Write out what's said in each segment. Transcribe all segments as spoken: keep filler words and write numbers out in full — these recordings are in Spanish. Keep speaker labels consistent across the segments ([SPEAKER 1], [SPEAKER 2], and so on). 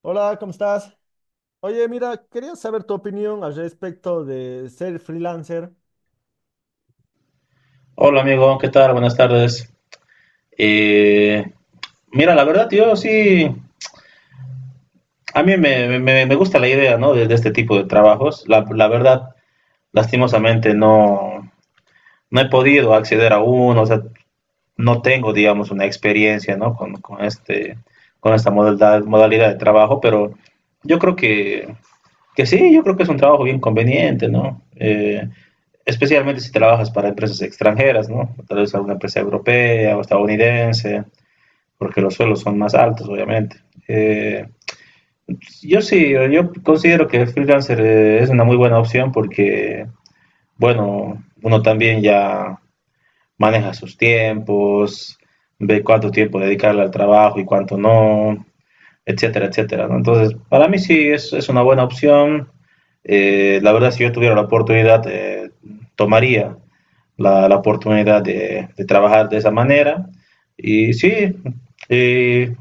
[SPEAKER 1] Hola, ¿cómo estás? Oye, mira, quería saber tu opinión al respecto de ser freelancer.
[SPEAKER 2] Hola amigo, ¿qué tal? Buenas tardes. Eh, Mira, la verdad yo sí, a mí me, me- me me gusta la idea, ¿no? de, de este tipo de trabajos. La, la verdad, lastimosamente no, no he podido acceder a uno, o sea, no tengo, digamos, una experiencia, ¿no? con, con este, con esta modalidad, modalidad de trabajo, pero yo creo que, que sí, yo creo que es un trabajo bien conveniente, ¿no? Eh, especialmente si trabajas para empresas extranjeras, ¿no? Tal vez alguna empresa europea o estadounidense, porque los sueldos son más altos, obviamente. Eh, yo sí, yo considero que freelancer eh, es una muy buena opción porque, bueno, uno también ya maneja sus tiempos, ve cuánto tiempo dedicarle al trabajo y cuánto no, etcétera, etcétera, ¿no? Entonces, para mí sí es, es una buena opción. Eh, la verdad, si yo tuviera la oportunidad, eh, tomaría la, la oportunidad de, de, trabajar de esa manera. Y sí, eh,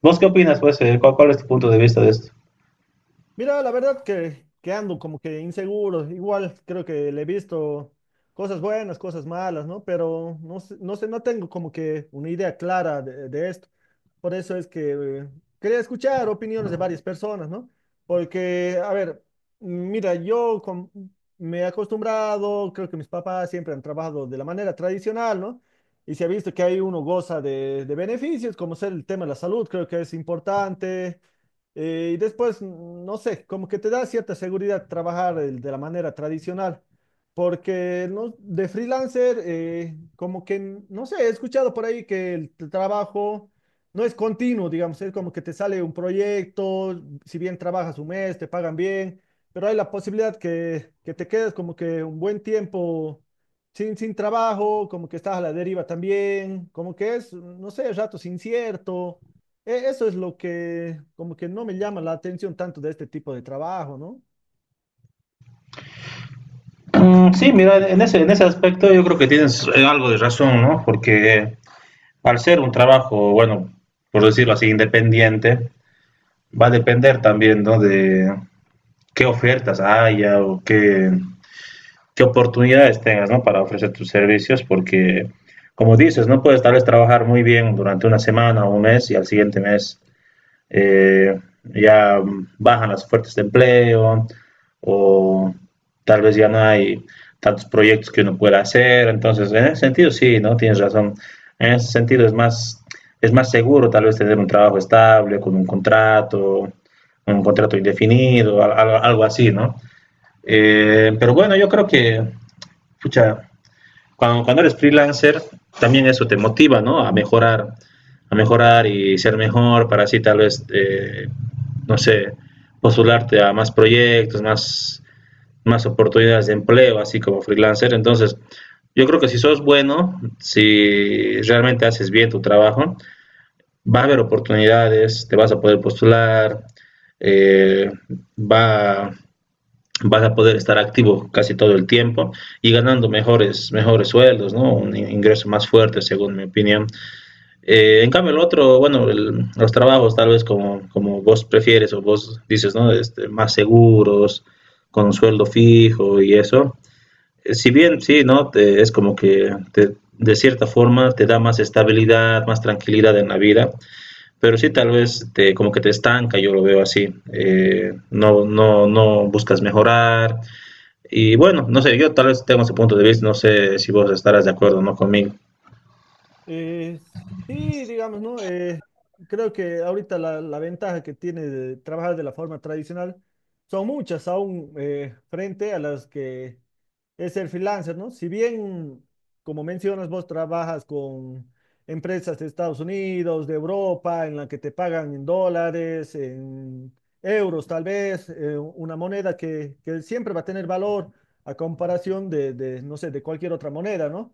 [SPEAKER 2] ¿vos qué opinas? Pues, Eh, ¿cuál, ¿cuál es tu punto de vista de esto?
[SPEAKER 1] Mira, la verdad que, que ando como que inseguro. Igual creo que le he visto cosas buenas, cosas malas, ¿no? Pero no sé, no sé, no tengo como que una idea clara de, de esto. Por eso es que eh, quería escuchar opiniones de varias personas, ¿no? Porque, a ver, mira, yo com- me he acostumbrado, creo que mis papás siempre han trabajado de la manera tradicional, ¿no? Y se ha visto que hay uno goza de, de beneficios, como ser el tema de la salud, creo que es importante. Eh, y después, no sé, como que te da cierta seguridad trabajar el- de la manera tradicional, porque no, de freelancer, eh, como que, no sé, he escuchado por ahí que el t- trabajo no es continuo, digamos, es como que te sale un proyecto, si bien trabajas un mes, te pagan bien, pero hay la posibilidad que, que te quedes como que un buen tiempo sin, sin trabajo, como que estás a la deriva también, como que es, no sé, ratos incierto. E- Eso es lo que como que no me llama la atención tanto de este tipo de trabajo, ¿no?
[SPEAKER 2] Mm, sí, mira, en ese, en ese aspecto yo creo que tienes algo de razón, ¿no? Porque al ser un trabajo, bueno, por decirlo así, independiente, va a depender también, ¿no? De qué ofertas haya o qué, qué oportunidades tengas, ¿no? Para ofrecer tus servicios, porque, como dices, no puedes tal vez trabajar muy bien durante una semana o un mes y al siguiente mes eh, ya bajan las ofertas de empleo o tal vez ya no hay tantos proyectos que uno pueda hacer. Entonces, en ese sentido, sí, ¿no? Tienes razón. En ese sentido es más, es más seguro tal vez tener un trabajo estable, con un contrato, un contrato indefinido, algo, algo así, ¿no? Eh, pero bueno, yo creo que pucha, cuando, cuando eres freelancer, también eso te motiva, ¿no? A mejorar, a mejorar y ser mejor para así tal vez, eh, no sé, postularte a más proyectos, más, más oportunidades de empleo, así como freelancer. Entonces, yo creo que si sos bueno, si realmente haces bien tu trabajo, va a haber oportunidades, te vas a poder postular, eh, va, vas a poder estar activo casi todo el tiempo y ganando mejores, mejores sueldos, ¿no? Un ingreso más fuerte, según mi opinión. Eh, en cambio, el otro, bueno, el, los trabajos tal vez como, como vos prefieres o vos dices, ¿no? Este, más seguros, con un sueldo fijo y eso. Eh, si bien, sí, ¿no? Te, es como que te, de cierta forma te da más estabilidad, más tranquilidad en la vida, pero sí tal vez te, como que te estanca, yo lo veo así. Eh, no, no, no buscas mejorar y bueno, no sé, yo tal vez tengo ese punto de vista, no sé si vos estarás de acuerdo o no conmigo.
[SPEAKER 1] Eh, sí, digamos, ¿no? Eh, creo que ahorita la, la ventaja que tiene de trabajar de la forma tradicional son muchas aún, eh, frente a las que es el freelancer, ¿no? Si bien, como mencionas, vos trabajas con empresas de Estados Unidos, de Europa, en la que te pagan en dólares, en euros tal vez, eh, una moneda que, que siempre va a tener valor a comparación de, de, no sé, de cualquier otra moneda, ¿no?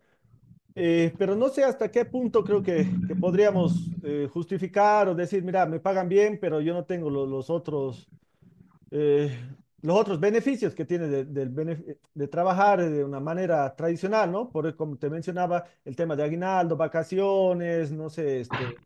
[SPEAKER 1] Eh, pero no sé hasta qué punto creo que, que podríamos eh, justificar o decir, mira, me pagan bien, pero yo no tengo lo- los otros, eh, los otros beneficios que tiene de, del benef- de trabajar de una manera tradicional, ¿no? Por, e, como te mencionaba, el tema de aguinaldo, vacaciones, no sé, este,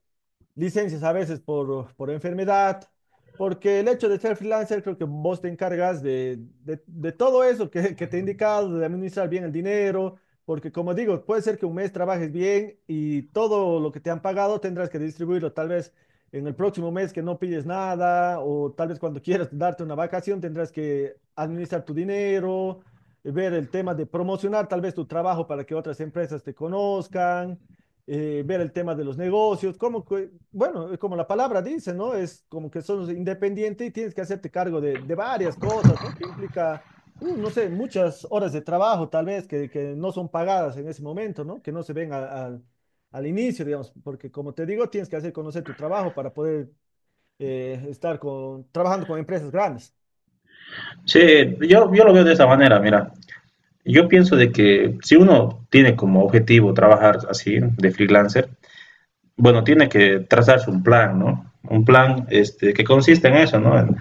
[SPEAKER 1] licencias a veces por, por enfermedad, porque el hecho de ser freelancer creo que vos te encargas de, de- de todo eso que, que te he indicado, de administrar bien el dinero, porque como digo, puede ser que un mes trabajes bien y todo lo que te han pagado tendrás que distribuirlo tal vez en el próximo mes que no pilles nada o tal vez cuando quieras darte una vacación tendrás que administrar tu dinero, ver el tema de promocionar tal vez tu trabajo para que otras empresas te conozcan, eh, ver el tema de los negocios, cómo, bueno, eh, como la palabra dice, ¿no? Es como que sos independiente y tienes que hacerte cargo de, de varias cosas, ¿no? Que implica, uh, no sé, muchas horas de trabajo tal vez que, que no son pagadas en ese momento, ¿no? Que no se ven al, al- al inicio, digamos, porque como te digo, tienes que hacer conocer tu trabajo para poder eh, estar con, trabajando con empresas grandes.
[SPEAKER 2] Sí, yo, yo lo veo de esa manera, mira. Yo pienso de que si uno tiene como objetivo trabajar así, de freelancer, bueno, tiene que trazarse un plan, ¿no? Un plan este, que consiste en eso, ¿no? En,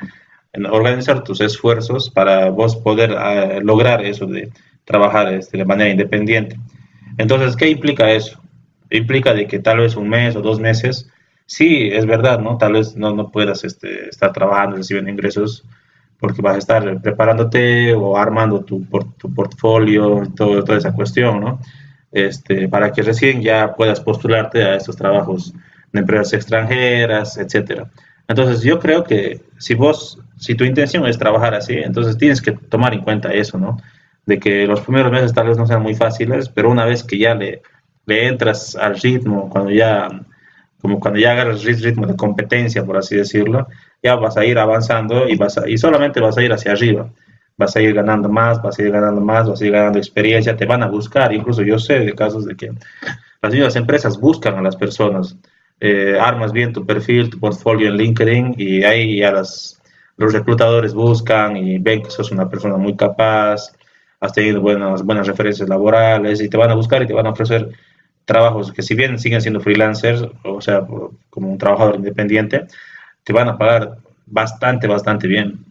[SPEAKER 2] en organizar tus esfuerzos para vos poder eh, lograr eso de trabajar este, de manera independiente. Entonces, ¿qué implica eso? Implica de que tal vez un mes o dos meses, sí, es verdad, ¿no? Tal vez no, no puedas este, estar trabajando, recibiendo ingresos, porque vas a estar preparándote o armando tu, por, tu portfolio, todo, toda esa cuestión, ¿no? Este, para que recién ya puedas postularte a estos trabajos de empresas extranjeras, etcétera. Entonces yo creo que si vos, si tu intención es trabajar así, entonces tienes que tomar en cuenta eso, ¿no? De que los primeros meses tal vez no sean muy fáciles, pero una vez que ya le, le entras al ritmo, cuando ya, como cuando ya agarras el ritmo de competencia, por así decirlo, ya vas a ir avanzando y vas a, y solamente vas a ir hacia arriba, vas a ir ganando más, vas a ir ganando más, vas a ir ganando experiencia, te van a buscar. Incluso yo sé de casos de que las mismas empresas buscan a las personas. Eh, armas bien tu perfil, tu portfolio en LinkedIn y ahí ya las, los reclutadores buscan y ven que sos una persona muy capaz, has tenido buenas, buenas referencias laborales y te van a buscar y te van a ofrecer trabajos que si bien siguen siendo freelancers, o sea, como un trabajador independiente, te van a pagar bastante, bastante bien.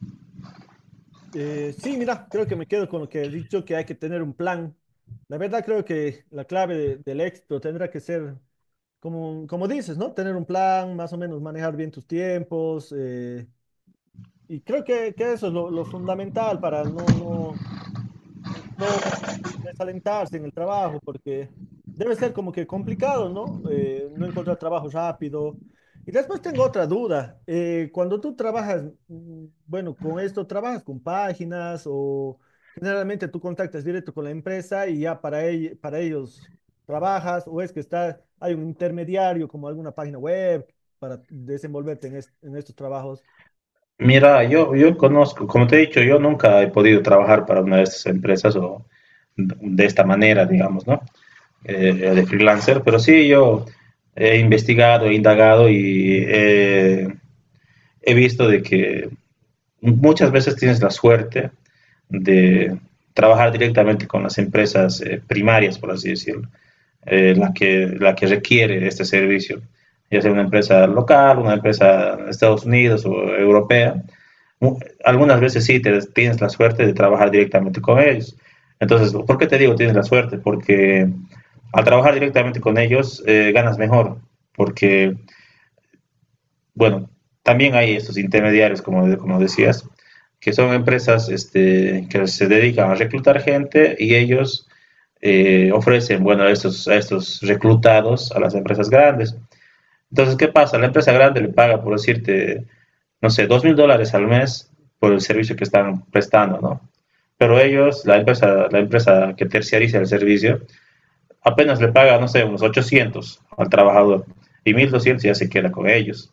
[SPEAKER 1] Eh, sí, mira, creo que me quedo con lo que has dicho, que hay que tener un plan. La verdad, creo que la clave de- del éxito tendrá que ser, como, como dices, ¿no? Tener un plan, más o menos manejar bien tus tiempos. Eh, y creo que, que eso es lo, lo fundamental para no, no, no desalentarse en el trabajo, porque debe ser como que complicado, ¿no? Eh, no encontrar trabajo rápido. Y después tengo otra duda. Eh, cuando tú trabajas, mm, bueno, con esto, ¿trabajas con páginas o generalmente tú contactas directo con la empresa y ya para, ell- para ellos trabajas o es que está, hay un intermediario como alguna página web para desenvolverte en, est- en estos trabajos?
[SPEAKER 2] Mira, yo, yo conozco, como te he dicho, yo nunca he podido trabajar para una de estas empresas o de esta manera, digamos, ¿no? Eh, de freelancer, pero sí yo he investigado, he indagado y eh, he visto de que muchas veces tienes la suerte de trabajar directamente con las empresas eh, primarias, por así decirlo, eh, la, que, la que requiere este servicio, ya sea una empresa local, una empresa de Estados Unidos o europea. Algunas veces sí te, tienes la suerte de trabajar directamente con ellos. Entonces, ¿por qué te digo tienes la suerte? Porque al trabajar directamente con ellos eh, ganas mejor, porque bueno, también hay estos intermediarios, como, como decías, que son empresas este, que se dedican a reclutar gente y ellos eh, ofrecen, bueno, a estos, a estos reclutados a las empresas grandes. Entonces, ¿qué pasa? La empresa grande le paga, por decirte, no sé, dos mil dólares al mes por el servicio que están prestando, ¿no? Pero ellos, la empresa, la empresa que terciariza el servicio, apenas le paga, no sé, unos ochocientos al trabajador y mil doscientos ya se queda con ellos.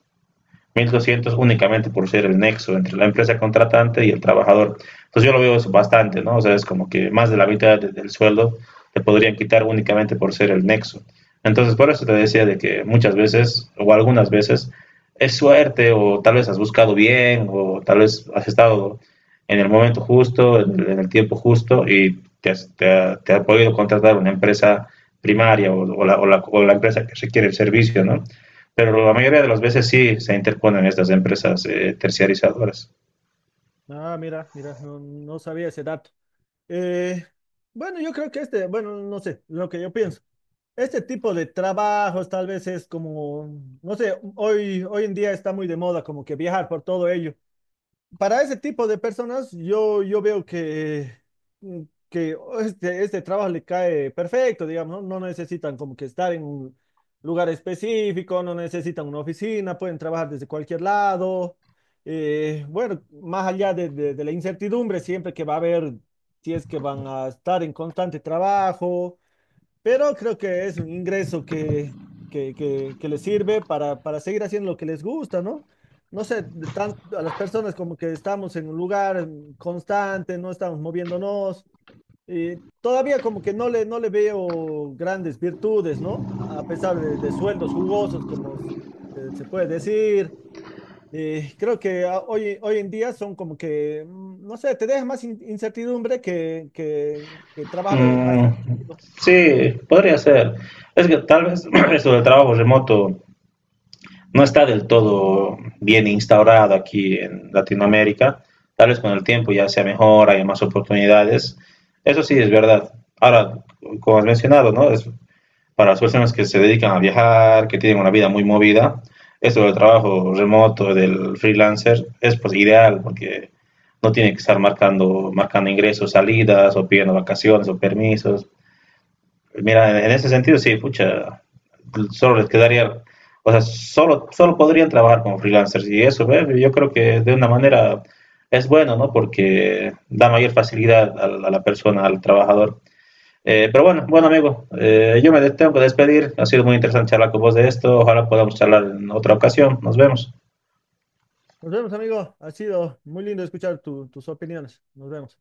[SPEAKER 2] mil doscientos únicamente por ser el nexo entre la empresa contratante y el trabajador. Entonces yo lo veo eso bastante, ¿no? O sea, es como que más de la mitad de, del sueldo te podrían quitar únicamente por ser el nexo. Entonces por eso te decía de que muchas veces o algunas veces es suerte o tal vez has buscado bien o tal vez has estado en el momento justo, en el, en el tiempo justo y te, has, te, ha, te, ha, podido contratar una empresa primaria o, o, la, o, la, o la empresa que requiere el servicio, ¿no? Pero la mayoría de las veces sí se interponen estas empresas eh, terciarizadoras.
[SPEAKER 1] Ah, mira, mira, no, no sabía ese dato. Eh, bueno, yo creo que este, bueno, no sé, lo que yo pienso. Este tipo de trabajos tal vez es como, no sé, hoy, hoy en día está muy de moda como que viajar por todo ello para ese tipo de personas, yo, yo veo que, mm, que oh, este, este trabajo le cae perfecto, digamos, ¿no? No necesitan como que estar en un lugar específico, no necesitan una oficina, pueden trabajar desde cualquier lado. Eh, bueno, más allá de, de de la incertidumbre, siempre que va a haber, si es que van a estar en constante trabajo, pero creo que es un ingreso que, que, que, que les sirve para, para seguir haciendo lo que les gusta, ¿no? No sé, de tan- a las personas como que estamos en un lugar mm, constante, no estamos moviéndonos, y todavía como que no le, no le veo grandes virtudes, ¿no? A a pesar de, de sueldos jugosos, como se, se puede decir. Eh, creo que ah, hoy, hoy en día son como que, mm, no sé, te deja más in- incertidumbre que, que, que trabajar eh, más
[SPEAKER 2] Mm,
[SPEAKER 1] tranquilo.
[SPEAKER 2] sí, podría ser. Es que tal vez eso del trabajo remoto no está del todo bien instaurado aquí en Latinoamérica. Tal vez con el tiempo ya sea mejor, haya más oportunidades. Eso sí es verdad. Ahora, como has mencionado, ¿no? Es, para las personas que se dedican a viajar, que tienen una vida muy movida, esto del trabajo remoto, del freelancer, es pues ideal porque no tiene que estar marcando, marcando ingresos, salidas, o pidiendo vacaciones o permisos. Mira, en ese sentido sí, pucha, solo les quedaría, o sea, solo, solo podrían trabajar como freelancers y eso, ¿ve? Yo creo que de una manera es bueno, ¿no? Porque da mayor facilidad a, la a la persona, al trabajador. Eh, pero bueno, bueno amigo, eh, yo me tengo que despedir. Ha sido muy interesante charlar con vos de esto. Ojalá podamos charlar en otra ocasión. Nos vemos.
[SPEAKER 1] Nos vemos, amigo. Ha sido muy lindo escuchar tu- tus opiniones. Nos vemos.